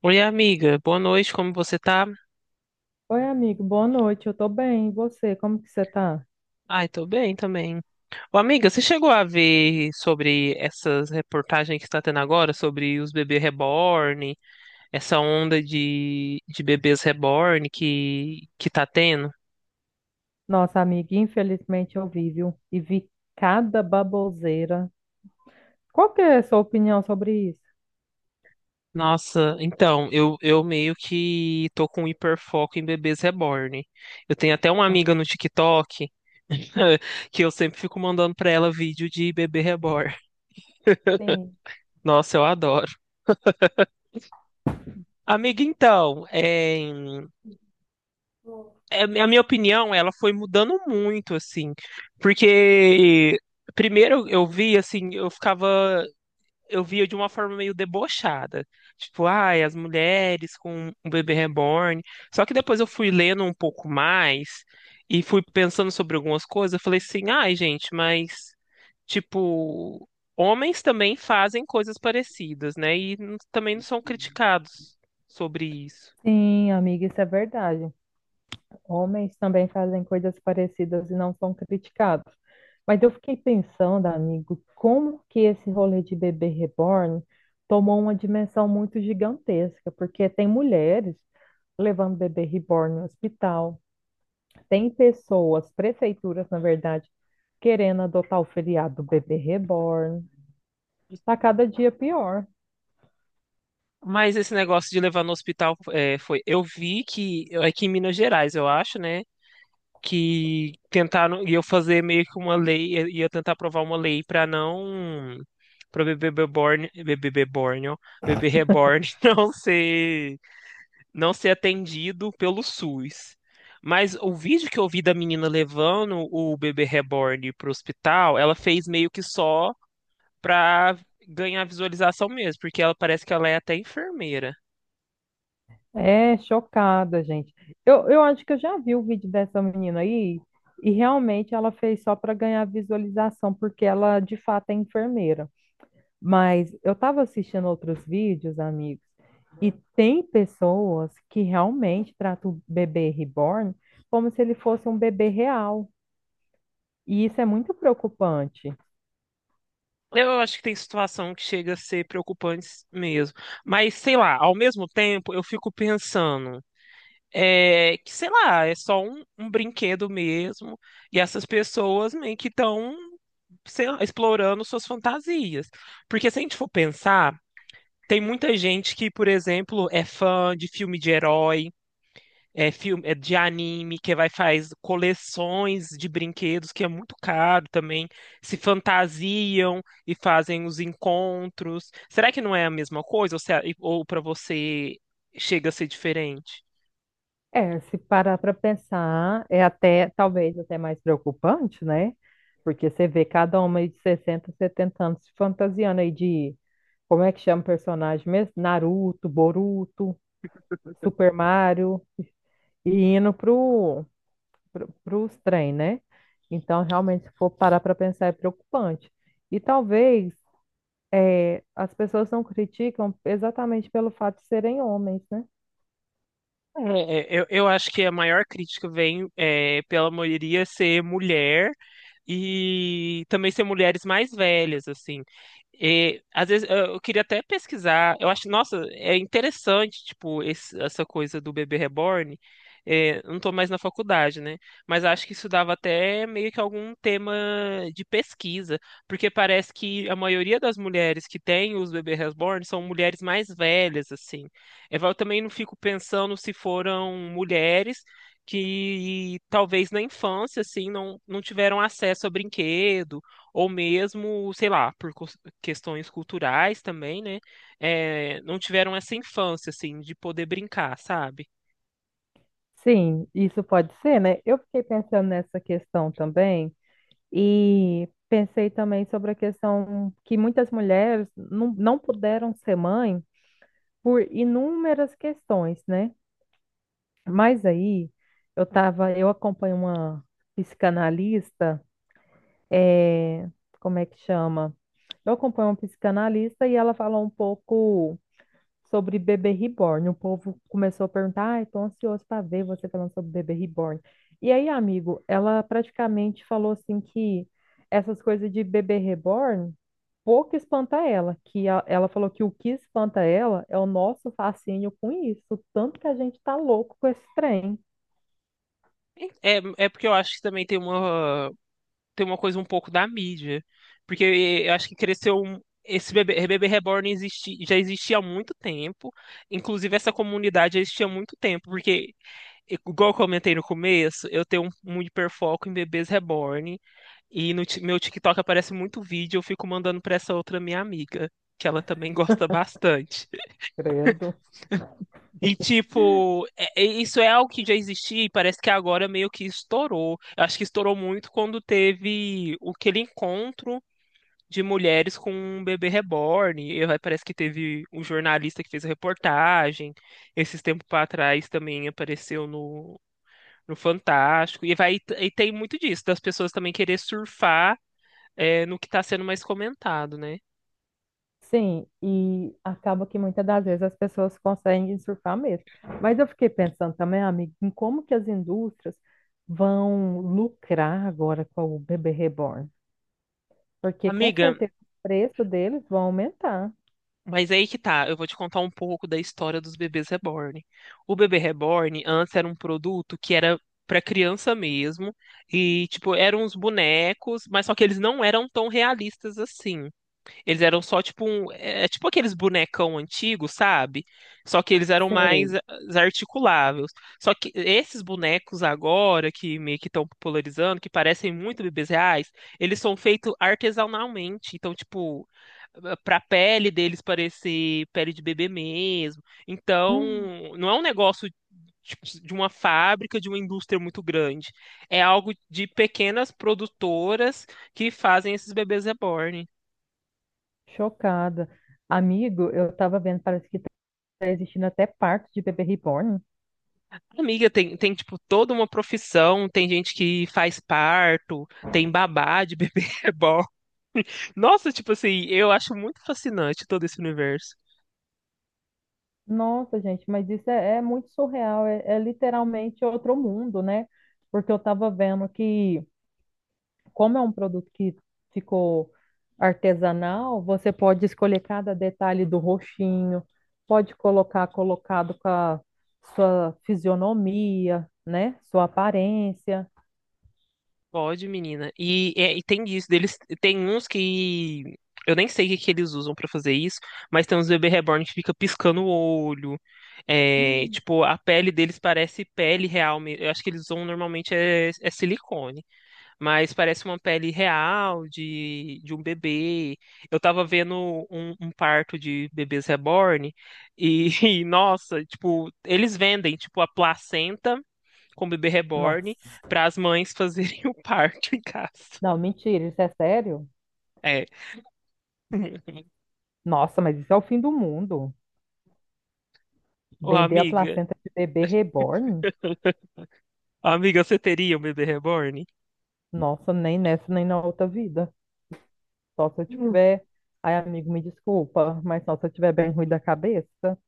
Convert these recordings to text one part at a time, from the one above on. Oi, amiga. Boa noite, como você tá? Oi, amigo, boa noite. Eu tô bem. E você, como que você tá? Ai, tô bem também. Ô, amiga, você chegou a ver sobre essas reportagens que está tendo agora sobre os bebês reborn, essa onda de bebês reborn que tá tendo? Nossa, amiga, infelizmente eu vi, viu? E vi cada baboseira. Qual que é a sua opinião sobre isso? Nossa, então, eu meio que tô com hiperfoco em bebês reborn. Eu tenho até uma amiga no TikTok que eu sempre fico mandando pra ela vídeo de bebê reborn. Sim, Nossa, eu adoro. Amiga, então, a minha opinião, ela foi mudando muito, assim, porque primeiro eu vi, assim, eu ficava, eu via de uma forma meio debochada, tipo, ai, as mulheres com um bebê reborn, só que depois eu fui lendo um pouco mais e fui pensando sobre algumas coisas, eu falei assim, ai, gente, mas, tipo, homens também fazem coisas parecidas, né, e também não são criticados sobre isso. Sim, amiga, isso é verdade. Homens também fazem coisas parecidas e não são criticados. Mas eu fiquei pensando, amigo, como que esse rolê de bebê reborn tomou uma dimensão muito gigantesca, porque tem mulheres levando bebê reborn no hospital. Tem pessoas, prefeituras, na verdade, querendo adotar o feriado do bebê reborn. Tá cada dia pior. Mas esse negócio de levar no hospital foi. Eu vi que é aqui em Minas Gerais, eu acho, né? Que tentaram, e eu fazer meio que uma lei, ia tentar aprovar uma lei para não. Para bebê reborn não ser, não ser atendido pelo SUS. Mas o vídeo que eu vi da menina levando o bebê reborn pro hospital, ela fez meio que só pra ganhar visualização mesmo, porque ela parece que ela é até enfermeira. É chocada, gente. Eu acho que eu já vi o vídeo dessa menina aí e realmente ela fez só para ganhar visualização, porque ela de fato é enfermeira. Mas eu estava assistindo outros vídeos, amigos, e tem pessoas que realmente tratam o bebê reborn como se ele fosse um bebê real. E isso é muito preocupante. Eu acho que tem situação que chega a ser preocupante mesmo. Mas, sei lá, ao mesmo tempo eu fico pensando que, sei lá, é só um brinquedo mesmo. E essas pessoas meio que estão, sei lá, explorando suas fantasias. Porque se a gente for pensar, tem muita gente que, por exemplo, é fã de filme de herói é filme é de anime que vai faz coleções de brinquedos que é muito caro também, se fantasiam e fazem os encontros. Será que não é a mesma coisa ou, se- ou para você chega a ser diferente? É, se parar para pensar, é até, talvez até mais preocupante, né? Porque você vê cada homem de 60, 70 anos se fantasiando aí de, como é que chama o personagem mesmo? Naruto, Boruto, Super Mario, e indo pro, pros trem, né? Então, realmente, se for parar para pensar, é preocupante. E talvez as pessoas não criticam exatamente pelo fato de serem homens, né? Eu acho que a maior crítica vem é, pela maioria ser mulher. E também ser mulheres mais velhas, assim. E, às vezes eu queria até pesquisar. Eu acho, nossa, é interessante, tipo, essa coisa do bebê reborn. É, eu não tô mais na faculdade, né? Mas acho que isso dava até meio que algum tema de pesquisa, porque parece que a maioria das mulheres que têm os bebês reborn são mulheres mais velhas, assim. É, eu também não fico pensando se foram mulheres que talvez na infância, assim, não tiveram acesso a brinquedo, ou mesmo, sei lá, por questões culturais também, né? É, não tiveram essa infância, assim, de poder brincar, sabe? Sim, isso pode ser, né? Eu fiquei pensando nessa questão também e pensei também sobre a questão que muitas mulheres não puderam ser mãe por inúmeras questões, né? Mas aí eu tava, eu acompanho uma psicanalista, é, como é que chama? Eu acompanho uma psicanalista e ela falou um pouco sobre bebê reborn. O povo começou a perguntar, ai, tô ansioso para ver você falando sobre bebê reborn. E aí, amigo, ela praticamente falou assim que essas coisas de bebê reborn pouco espanta ela, que ela falou que o que espanta ela é o nosso fascínio com isso, tanto que a gente tá louco com esse trem. É, é porque eu acho que também tem uma coisa um pouco da mídia, porque eu acho que esse bebê Reborn existi, já existia há muito tempo. Inclusive, essa comunidade já existia há muito tempo, porque igual eu comentei no começo, eu tenho um hiperfoco em bebês reborn. E no ti- meu TikTok aparece muito vídeo, eu fico mandando pra essa outra minha amiga, que ela também gosta bastante. Credo. E, tipo, isso é algo que já existia e parece que agora meio que estourou. Eu acho que estourou muito quando teve o aquele encontro de mulheres com um bebê reborn. E aí parece que teve um jornalista que fez a reportagem. Esses tempos para trás também apareceu no Fantástico. E vai, e tem muito disso, das pessoas também querer surfar, é, no que tá sendo mais comentado, né? Sim, e acaba que muitas das vezes as pessoas conseguem surfar mesmo. Mas eu fiquei pensando também, amigo, em como que as indústrias vão lucrar agora com o bebê reborn. Porque com Amiga, certeza o preço deles vão aumentar. mas aí que tá, eu vou te contar um pouco da história dos bebês reborn. O bebê reborn antes era um produto que era pra criança mesmo, e tipo, eram uns bonecos, mas só que eles não eram tão realistas assim. Eles eram só tipo um. É é tipo aqueles bonecão antigos, sabe? Só que eles eram mais Sei. Articuláveis. Só que esses bonecos agora, que meio que estão popularizando, que parecem muito bebês reais, eles são feitos artesanalmente. Então, tipo, pra pele deles parecer pele de bebê mesmo. Então, Hum, não é um negócio. Tipo, de uma fábrica, de uma indústria muito grande. É algo de pequenas produtoras que fazem esses bebês reborn. chocada. Amigo, eu estava vendo, parece que está existindo até parto de bebê reborn. Amiga, tem, tipo, toda uma profissão, tem gente que faz parto, tem babá de bebê reborn. Nossa, tipo assim, eu acho muito fascinante todo esse universo. Nossa, gente, mas isso é, é muito surreal. É é literalmente outro mundo, né? Porque eu estava vendo que, como é um produto que ficou artesanal, você pode escolher cada detalhe do roxinho, pode colocar colocado com a sua fisionomia, né? Sua aparência. Pode, menina. E tem isso, deles, tem uns que eu nem sei o que, que eles usam pra fazer isso, mas tem uns bebê reborn que fica piscando o olho. É, tipo, a pele deles parece pele real. Mesmo eu acho que eles usam normalmente é silicone. Mas parece uma pele real de um bebê. Eu tava vendo um parto de bebês reborn e, e, nossa, tipo, eles vendem tipo a placenta com bebê reborn Nossa, para as mães fazerem o parto em casa. não, mentira, isso é sério? É. Nossa, mas isso é o fim do mundo. Ô, Vender a placenta de bebê reborn? amiga, você teria um bebê reborn? Nossa, nem nessa, nem na outra vida. Só se eu tiver. Ai, amigo, me desculpa, mas só se eu tiver bem ruim da cabeça.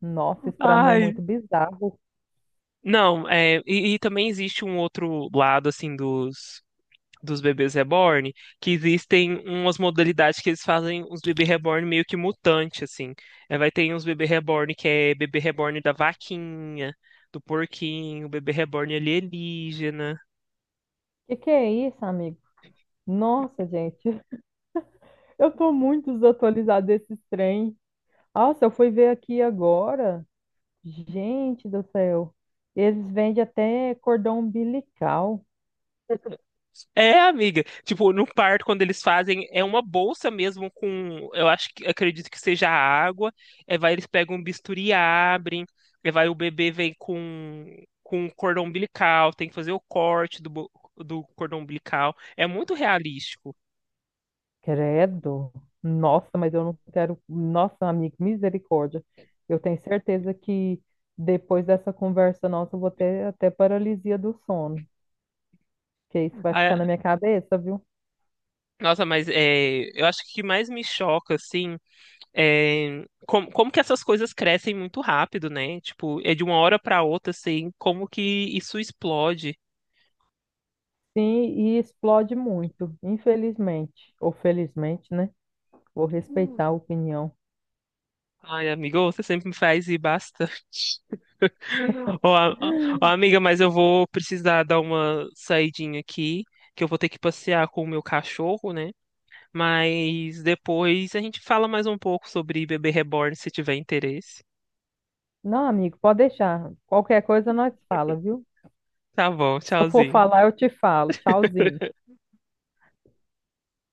Nossa, isso pra mim é Ai, muito bizarro. não, e também existe um outro lado assim dos bebês reborn, que existem umas modalidades que eles fazem os bebês reborn meio que mutante, assim. É, vai ter uns bebê reborn que é bebê reborn da vaquinha, do porquinho, bebê reborn alienígena. Que é isso, amigo? Nossa, gente, eu tô muito desatualizada desses trem. Nossa, eu fui ver aqui agora. Gente do céu. Eles vendem até cordão umbilical. É, amiga. Tipo, no parto, quando eles fazem, é uma bolsa mesmo com, eu acho que, acredito que seja água. É, vai, eles pegam um bisturi, e abrem. É, vai, o bebê vem com cordão umbilical, tem que fazer o corte do cordão umbilical. É muito realístico. Credo. Nossa, mas eu não quero. Nossa, amigo, misericórdia. Eu tenho certeza que depois dessa conversa nossa, eu vou ter até paralisia do sono. Que isso vai Ah, ficar na minha cabeça, viu? nossa, mas é, eu acho que o que mais me choca, assim, é como, como que essas coisas crescem muito rápido, né? Tipo, é de uma hora para outra, assim, como que isso explode. Sim, e explode muito, infelizmente. Ou felizmente, né? Vou respeitar a opinião. Ai, amigo, você sempre me faz e basta. Ô, a- ô, amiga, mas eu vou precisar dar uma saidinha aqui, que eu vou ter que passear com o meu cachorro, né? Mas depois a gente fala mais um pouco sobre Bebê Reborn, se tiver interesse. Não, amigo, pode deixar. Qualquer coisa nós fala, viu? Tá bom, Se eu for tchauzinho. falar, eu te falo. Tchauzinho.